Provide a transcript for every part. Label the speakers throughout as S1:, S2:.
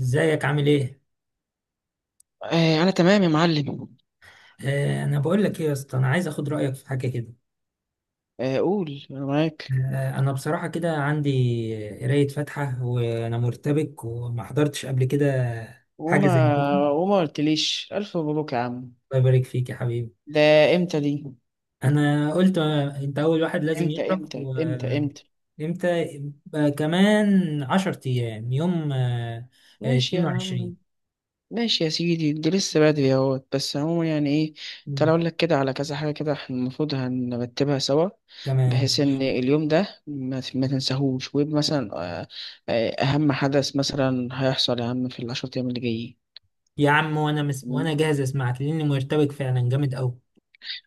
S1: ازيك عامل ايه؟
S2: انا تمام يا معلم.
S1: انا بقول لك ايه يا اسطى، انا عايز اخد رايك في حاجه كده.
S2: قول، انا معاك.
S1: انا بصراحه كده عندي قرايه فاتحه، وانا مرتبك وما حضرتش قبل كده حاجه
S2: وما
S1: زي كده.
S2: وما قلتليش الف مبروك يا عم.
S1: الله يبارك فيك يا حبيبي.
S2: ده، امتى دي؟
S1: انا قلت، انت اول واحد لازم
S2: امتى
S1: يعرف.
S2: امتى امتى امتى؟
S1: وامتى؟ يبقى كمان 10 ايام، يوم
S2: ماشي يا
S1: 22.
S2: عم. ماشي يا سيدي، ده لسه بدري اهوت، بس عموما يعني ايه. تعالى
S1: مم.
S2: اقول لك كده على كذا حاجه، كده احنا المفروض هنرتبها سوا
S1: تمام.
S2: بحيث ان اليوم ده ما
S1: مم.
S2: تنساهوش ويبقى مثلا. آه، اهم حدث مثلا هيحصل يا عم في ال10 ايام اللي جايين.
S1: يا عم، وانا جاهز اسمعك لاني مرتبك فعلا جامد قوي.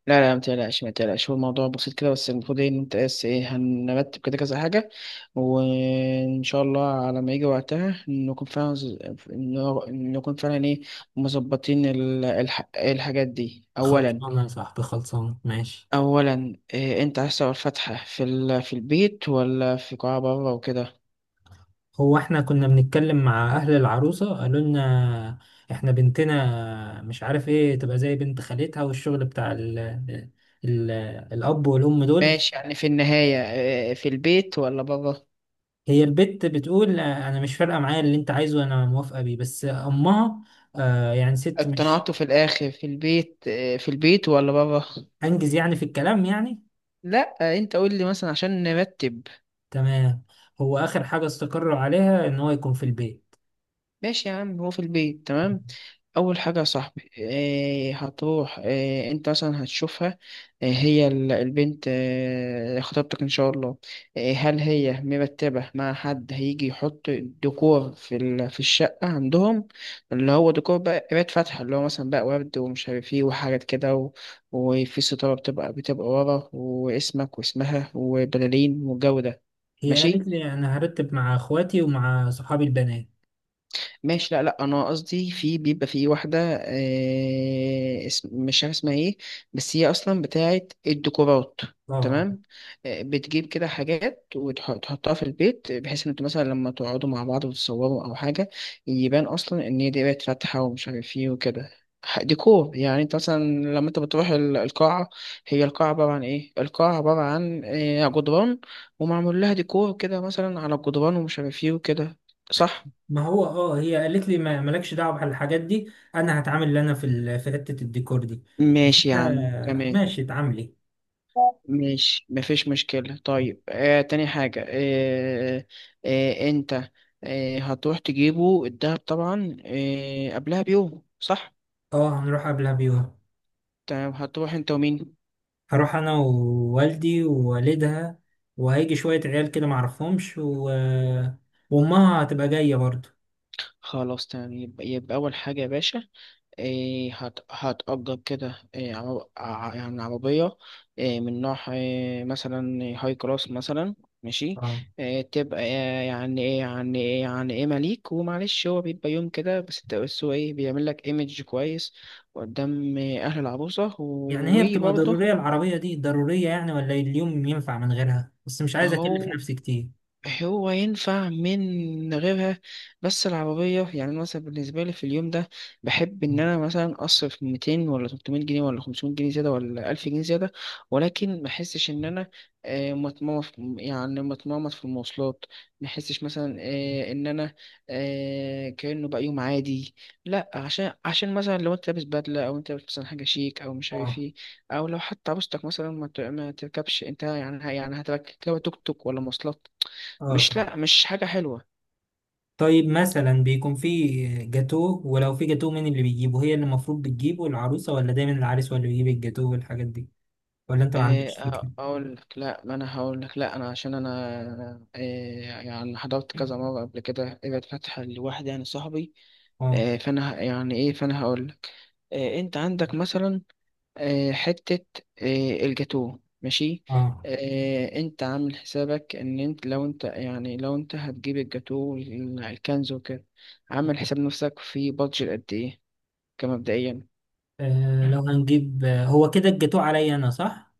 S2: لا، لا، ما تقلقش، ما تقلقش، هو الموضوع بسيط كده. بس المفروض ايه، ان انت، بس ايه، هنرتب كده كذا حاجة. وان شاء الله على ما يجي وقتها نكون فعلا نكون فعلا ايه، مظبطين الحاجات دي اولا.
S1: خلصانه يا صاحبي، خلصانه، ماشي.
S2: اولا، إيه انت عايز تعمل فتحة في البيت ولا في قاعة بره وكده؟
S1: هو احنا كنا بنتكلم مع اهل العروسة، قالوا لنا احنا بنتنا مش عارف ايه تبقى زي بنت خالتها، والشغل بتاع ال ال الاب والام دول.
S2: ماشي، يعني في النهاية إيه، في البيت ولا بره؟
S1: هي البت بتقول، انا مش فارقة معايا اللي انت عايزه، انا موافقة بيه، بس امها، يعني ست مش،
S2: اقتنعته في الاخر في البيت، إيه في البيت ولا بره؟
S1: انجز يعني في الكلام يعني.
S2: لا، انت قول لي مثلا عشان نرتب.
S1: تمام. هو اخر حاجة استقروا عليها ان هو يكون في البيت.
S2: ماشي يا عم، هو في البيت، تمام. اول حاجه يا صاحبي، إيه هتروح، إيه انت مثلا هتشوفها. إيه هي البنت، إيه خطيبتك ان شاء الله. إيه، هل هي مرتبه مع حد هيجي يحط ديكور في الشقه عندهم؟ اللي هو ديكور بقى قرايه فاتحه، اللي هو مثلا بقى ورد ومش عارف ايه وحاجات كده. وفي ستاره بتبقى ورا واسمك واسمها وبلالين والجو ده.
S1: هي
S2: ماشي.
S1: قالت لي انا هرتب مع اخواتي ومع صحابي البنات.
S2: ماشي، لا لا، انا قصدي في، بيبقى في واحده، اسم مش عارف اسمها ايه، بس هي اصلا بتاعت الديكورات.
S1: اه.
S2: تمام. بتجيب كده حاجات وتحطها في البيت بحيث ان انتوا مثلا لما تقعدوا مع بعض وتتصوروا او حاجه، يبان اصلا ان هي دي بقت فاتحه ومش عارف ايه وكده. ديكور، يعني انت مثلا لما انت بتروح القاعه. هي القاعه عباره عن ايه؟ القاعه عباره عن جدران، ومعمول لها ديكور كده مثلا على الجدران ومش عارف ايه وكده، صح.
S1: ما هو اه، هي قالت لي ما مالكش دعوه بالحاجات دي، انا هتعامل اللي انا في في حته الديكور دي. قلت
S2: ماشي يا عم،
S1: لها
S2: تمام.
S1: ماشي، اتعاملي.
S2: ماشي مفيش مشكلة. طيب تاني حاجة. انت هتروح تجيبه الدهب طبعا قبلها بيوم، صح؟
S1: اه، هنروح قبلها بيوم.
S2: تمام، هتروح انت ومين؟
S1: هروح انا ووالدي ووالدها، وهيجي شوية عيال كده معرفهمش وامها هتبقى جاية برضو.
S2: خلاص تمام، يبقى أول حاجة يا باشا، إيه هتأجر كده إيه يعني عربية، إيه من نوع إيه، مثلا هاي كلاس مثلا. ماشي.
S1: اه.
S2: إيه تبقى إيه يعني، إيه يعني، إيه يعني إيه، مليك. ومعلش هو بيبقى يوم كده بس، بس هو إيه بيعمل لك إيمج كويس قدام إيه أهل العروسة
S1: يعني هي بتبقى
S2: وبرضه.
S1: ضرورية العربية دي؟ ضرورية يعني؟ ولا اليوم ينفع من غيرها؟ بس مش عايز اكلف
S2: أهو.
S1: نفسي كتير.
S2: هو ينفع من غيرها، بس العربية يعني، أنا مثلا بالنسبة لي في اليوم ده بحب إن أنا مثلا أصرف 200 ولا 300 جنيه ولا 500 جنيه زيادة ولا 1000 جنيه زيادة. ولكن ما أحسش إن أنا متمرمط يعني متمرمط في المواصلات. ما أحسش مثلا إن أنا كأنه بقى يوم عادي. لا، عشان مثلا لو أنت لابس بدلة، أو أنت لابس مثلا حاجة شيك أو مش عارف
S1: اه،
S2: إيه. أو لو حتى عروستك مثلا ما تركبش أنت، يعني يعني هتركب توك توك ولا مواصلات،
S1: اه،
S2: مش،
S1: صح.
S2: لا مش حاجة حلوة.
S1: طيب مثلا بيكون في جاتوه، ولو في جاتوه مين اللي بيجيبه؟ هي اللي المفروض بتجيبه العروسة؟ ولا دايما العريس هو اللي بيجيب الجاتوه والحاجات دي؟ ولا انت ما عندكش فكرة؟
S2: أقول لك لا، ما أنا هقول لك. لا أنا عشان أنا يعني حضرت كذا مرة قبل كده ابعد فتحة لواحد يعني صاحبي.
S1: اه.
S2: فأنا يعني إيه، فأنا هقول لك. أنت عندك مثلا حتة الجاتوه، ماشي.
S1: اه.
S2: أنت عامل حسابك إن أنت، لو أنت يعني لو أنت هتجيب الجاتوه الكنز وكده، عامل حساب نفسك في بادجت قد إيه، كمبدئيا.
S1: لو هنجيب، هو كده الجاتوه عليا انا، صح؟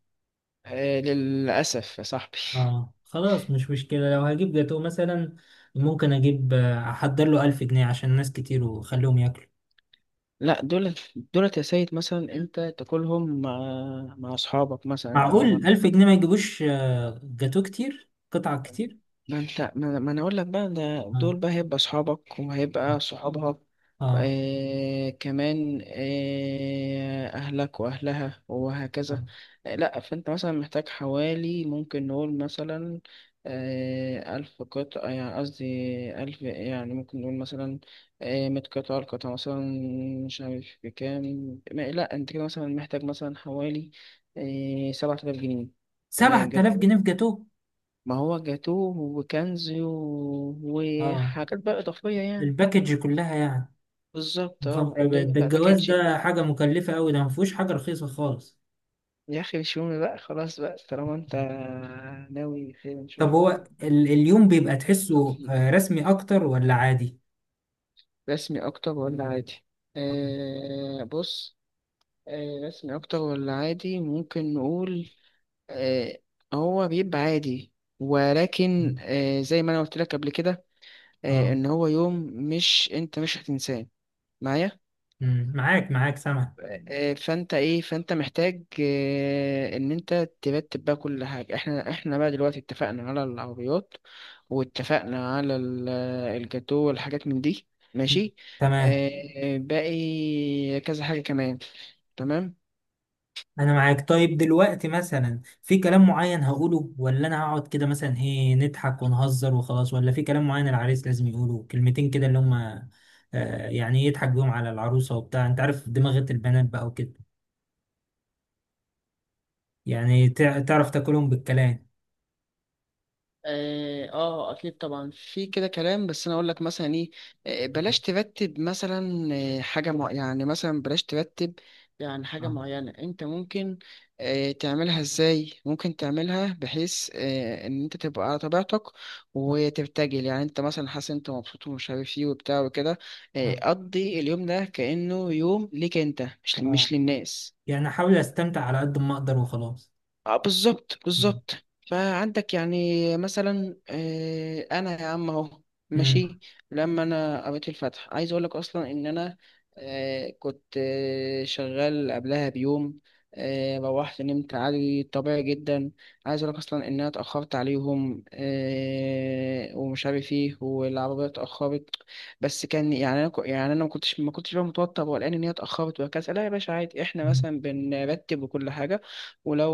S2: للأسف يا صاحبي.
S1: اه، خلاص مش مشكلة. لو هجيب جاتوه مثلا، ممكن اجيب، احضر له 1000 جنيه عشان ناس كتير وخليهم ياكلوا.
S2: لا، دولت. دولت يا سيد مثلا انت تاكلهم مع اصحابك مثلا او مع.
S1: معقول 1000 جنيه ما يجيبوش جاتوه كتير، قطع كتير؟
S2: ما انت، ما انا اقول لك بقى، ده
S1: اه.
S2: دول بقى هيبقى اصحابك وهيبقى صحابها،
S1: اه.
S2: كمان اهلك واهلها، وهكذا.
S1: آه.
S2: لا، فانت مثلا محتاج حوالي، ممكن نقول مثلا 1000 قطعة، يعني قصدي 1000، يعني ممكن نقول مثلا 100 قطعة، القطعة مثلا مش عارف بكام. لا، انت كده مثلا محتاج مثلا حوالي 7000 جنيه. جت.
S1: 7000 جنيه في جاتوه؟
S2: ما هو جاتوه وكنز
S1: اه،
S2: وحاجات بقى إضافية يعني.
S1: الباكج كلها يعني.
S2: بالظبط،
S1: يا
S2: اه
S1: خبر
S2: اللي هي
S1: أبيض، ده
S2: بقى
S1: الجواز
S2: باكج.
S1: ده حاجة مكلفة أوي، ده مفهوش حاجة رخيصة خالص.
S2: يا أخي مش مهم بقى، خلاص بقى طالما أنت ناوي خير إن شاء
S1: طب
S2: الله.
S1: هو اليوم بيبقى تحسه،
S2: بالتوفيق.
S1: رسمي أكتر ولا عادي؟
S2: رسمي أكتر ولا عادي؟
S1: اه.
S2: بص. رسمي أكتر ولا عادي، ممكن نقول آه هو بيبقى عادي. ولكن زي ما أنا قلت لك قبل كده
S1: آه.
S2: إن هو يوم مش، أنت مش هتنساه. معايا؟
S1: مم، معاك معاك سامع.
S2: فانت ايه، فانت محتاج ان انت ترتب بقى كل حاجه. احنا بقى دلوقتي اتفقنا على العربيات، واتفقنا على الجاتو والحاجات من دي.
S1: مم.
S2: ماشي.
S1: تمام.
S2: باقي كذا حاجه كمان. تمام.
S1: أنا معاك. طيب دلوقتي مثلا في كلام معين هقوله، ولا أنا هقعد كده مثلا إيه، نضحك ونهزر وخلاص، ولا في كلام معين العريس لازم يقوله، كلمتين كده اللي هما، يعني يضحك بيهم على العروسة وبتاع، أنت عارف دماغة البنات بقى وكده، يعني تعرف تاكلهم بالكلام؟
S2: اه، اكيد طبعا في كده كلام، بس انا اقول لك مثلا ايه، بلاش ترتب مثلا حاجه مع، يعني مثلا بلاش ترتب يعني حاجه
S1: اه.
S2: معينه. انت ممكن تعملها ازاي، ممكن تعملها بحيث ان انت تبقى على طبيعتك وترتجل، يعني انت مثلا حاسس انت مبسوط ومش عارف ايه وبتاع وكده.
S1: اه.
S2: قضي اليوم ده كانه يوم ليك انت، مش
S1: اه،
S2: مش للناس.
S1: يعني احاول استمتع على قد ما اقدر وخلاص.
S2: اه بالظبط،
S1: مم.
S2: بالظبط. فعندك يعني مثلا انا يا عم، اهو.
S1: امم.
S2: ماشي. لما انا قريت الفتح عايز اقول لك اصلا ان انا كنت شغال قبلها بيوم، روحت نمت عادي طبيعي جدا. عايز اقول لك اصلا ان انا اتاخرت عليهم ومش عارف ايه، والعربيه اتاخرت. بس كان يعني انا يعني انا ما كنتش بقى متوتر ولا ان هي اتاخرت وهكذا. لا يا باشا عادي، احنا
S1: مم.
S2: مثلا بنرتب وكل حاجه، ولو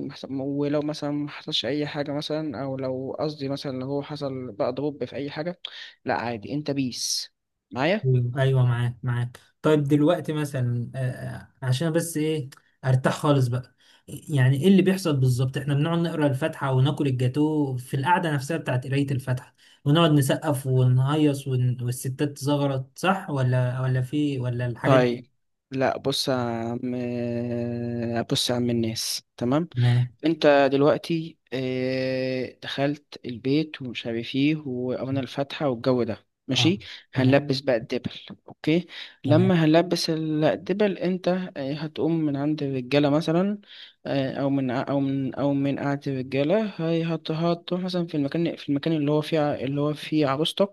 S2: ولو مثلا ما حصلش اي حاجه مثلا، او لو قصدي مثلا لو هو حصل بقى ضرب في اي حاجه، لا عادي انت بيس معايا.
S1: ايوه، ايوه، معاك معاك. طيب دلوقتي مثلا، عشان بس ايه، ارتاح خالص بقى، يعني ايه اللي بيحصل بالظبط؟ احنا بنقعد نقرا الفاتحه وناكل الجاتو في القعده نفسها بتاعت قرايه الفاتحه، ونقعد نسقف ونهيص والستات تزغرط، صح ولا؟ في، ولا الحاجات دي؟
S2: طيب. لا بص يا عم، بص يا عم، الناس تمام.
S1: تمام.
S2: انت دلوقتي اه دخلت البيت ومش عارف ايه وقرنا الفاتحة والجو ده
S1: اه.
S2: ماشي،
S1: تمام،
S2: هنلبس بقى الدبل، اوكي.
S1: تمام.
S2: لما هنلبس الدبل، انت اه هتقوم من عند الرجالة مثلا، اه او من ع- او من او من قعدة الرجالة، هتروح مثلا في المكان، في المكان اللي هو فيه عروستك،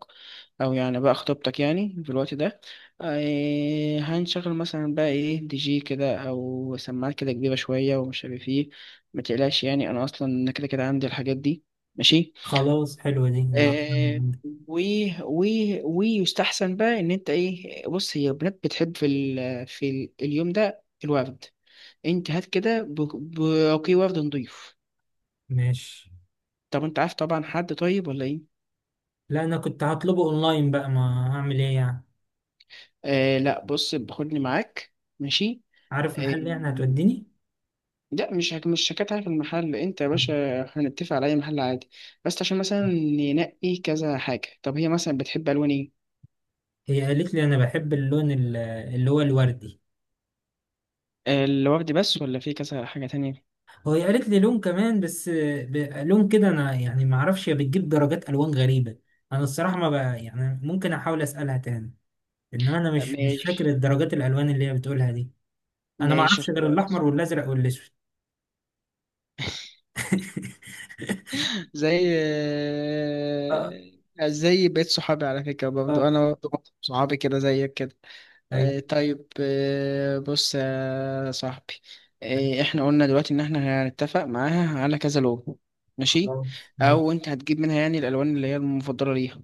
S2: او يعني بقى خطيبتك يعني في الوقت ده. اه هنشغل مثلا بقى ايه DJ كده او سماعات كده كبيرة شوية ومش عارف ايه. ما تقلقش يعني، انا اصلا انا كده كده عندي الحاجات دي. ماشي.
S1: خلاص، حلوة دي، هبقى أخدها من
S2: آه
S1: عندك.
S2: و و ويستحسن بقى ان انت ايه، بص هي البنات بتحب في ال في ال اليوم ده الورد. انت هات كده برقي ورد نضيف.
S1: ماشي.
S2: طب انت عارف طبعا حد طيب، ولا ايه؟
S1: لا، أنا كنت هطلبه أونلاين بقى، ما هعمل إيه يعني.
S2: لا بص، خدني معاك. ماشي.
S1: عارف
S2: آه
S1: محل يعني؟ هتوديني؟
S2: لا، مش شكاتها في المحل انت يا باشا، هنتفق على اي محل عادي. بس عشان مثلا ننقي كذا حاجة، طب هي مثلا بتحب الوان ايه؟
S1: هي قالت لي أنا بحب اللون اللي هو الوردي.
S2: الوردي بس ولا في كذا حاجة تانية؟
S1: وهي قالت لي لون كمان، بس ب- لون كده أنا يعني ما أعرفش، هي بتجيب درجات ألوان غريبة. أنا الصراحة ما بقى يعني، ممكن أحاول أسألها تاني، إنما أنا مش فاكر
S2: ماشي.
S1: الدرجات الألوان اللي هي بتقولها دي. أنا ما
S2: ماشي
S1: أعرفش غير الأحمر
S2: خلاص.
S1: والأزرق والأسود.
S2: زي،
S1: اه.
S2: زي بقيت صحابي، على فكرة برضو
S1: اه.
S2: أنا برضو صحابي كده زيك كده.
S1: ايوه.
S2: طيب، بص يا صاحبي،
S1: طيب،
S2: احنا قلنا دلوقتي ان احنا هنتفق معاها على كذا لون. ماشي،
S1: خلاص ماشي.
S2: او انت هتجيب منها يعني الالوان اللي هي المفضله ليها.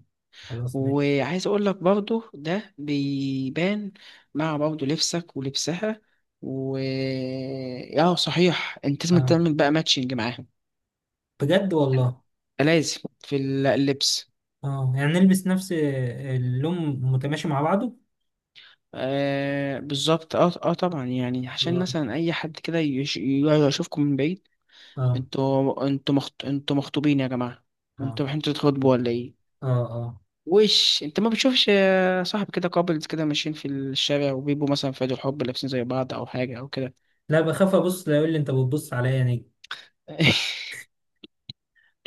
S1: خلاص ماشي.
S2: وعايز اقول لك برضو ده بيبان مع برضو لبسك ولبسها. و اه صحيح، انت لازم
S1: اه،
S2: تعمل بقى ماتشنج معاهم.
S1: بجد والله.
S2: لازم اللبس.
S1: اه، يعني نلبس نفس اللون، متماشي مع بعضه.
S2: بالظبط، اه اه طبعا يعني عشان
S1: آه.
S2: مثلا اي حد كده يشوفكم من بعيد.
S1: اه.
S2: انتوا مخطوبين يا جماعة،
S1: اه.
S2: انتوا رايحين تتخطبوا ولا ايه؟
S1: اه. اه.
S2: وش انت ما بتشوفش صاحب كده كابلز كده ماشيين في الشارع وبيبقوا مثلا في عيد الحب لابسين زي بعض او حاجة او كده؟
S1: لا، بخاف ابص، لا يقول لي انت بتبص عليا يا نجم،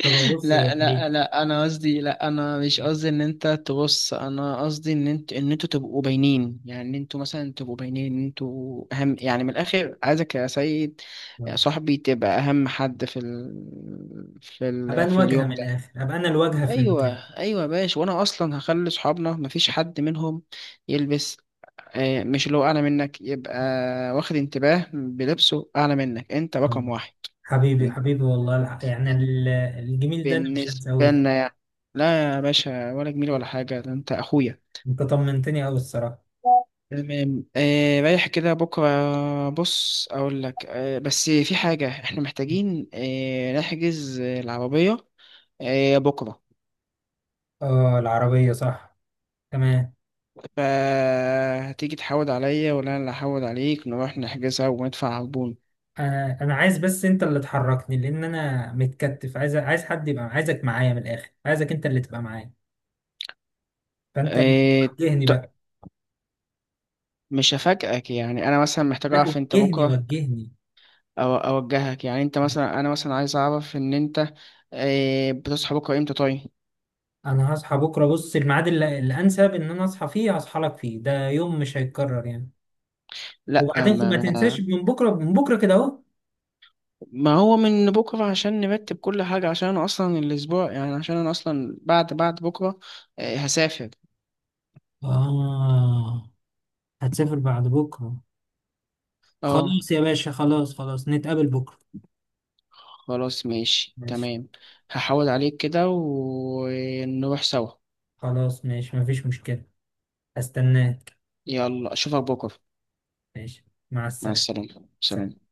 S1: فببص
S2: لا
S1: بعيد.
S2: لا لا، انا قصدي لا، انا مش قصدي ان انت تبص. انا قصدي ان انت ان انتوا تبقوا باينين، يعني ان انتوا مثلا تبقوا باينين، ان انتوا اهم، يعني من الاخر عايزك يا سيد، يا
S1: آه.
S2: صاحبي، تبقى اهم حد
S1: ابان
S2: في
S1: واجهه
S2: اليوم
S1: من
S2: ده.
S1: الاخر، ابقى انا الواجهه في
S2: ايوه.
S1: المكان.
S2: ايوه يا باشا، وانا اصلا هخلي صحابنا مفيش حد منهم يلبس، مش اللي هو اعلى منك، يبقى واخد انتباه بلبسه اعلى منك. انت
S1: آه.
S2: رقم واحد
S1: حبيبي حبيبي والله، الجميل ده انا مش
S2: بالنسبة
S1: هنساهوله.
S2: لنا يعني. لا يا باشا، ولا جميل ولا حاجة، ده انت اخويا.
S1: انت طمنتني قوي الصراحه.
S2: تمام. رايح كده بكرة، بص اقول لك، بس في حاجة احنا محتاجين نحجز العربية بكرة.
S1: اه، العربيه، صح. تمام.
S2: فهتيجي تحود عليا ولا انا اللي هحود عليك نروح نحجزها وندفع عربون.
S1: انا عايز، بس انت اللي تحركني لان انا متكتف، عايز، عايز حد يبقى، عايزك معايا من الاخر، عايزك انت اللي تبقى معايا، فانت اللي
S2: آه
S1: وجهني
S2: ط-
S1: بقى.
S2: مش هفاجئك، يعني انا مثلا محتاج
S1: لا،
S2: اعرف انت
S1: وجهني،
S2: بكرة،
S1: وجهني.
S2: او اوجهك يعني، انت مثلا انا مثلا عايز اعرف ان انت بتصحى بكرة امتى؟ طيب.
S1: انا هصحى بكره، بص الميعاد اللي الانسب ان انا اصحى فيه هصحى لك فيه، ده يوم مش هيتكرر يعني،
S2: لا،
S1: وبعدين
S2: ما
S1: ما تنساش،
S2: ما
S1: من بكره، من بكره كده اهو.
S2: ما هو من بكره عشان نرتب كل حاجه، عشان انا اصلا الاسبوع يعني، عشان انا اصلا بعد بكره هسافر.
S1: اه. هتسافر بعد بكره.
S2: اه
S1: خلاص يا باشا، خلاص، خلاص، نتقابل بكره.
S2: خلاص ماشي
S1: ماشي.
S2: تمام. هحاول عليك كده ونروح سوا.
S1: خلاص ماشي، مفيش مشكله. هستناك.
S2: يلا اشوفك بكره.
S1: ماشي. مع
S2: مع
S1: السلامه.
S2: السلامه،
S1: سلام.
S2: سلام.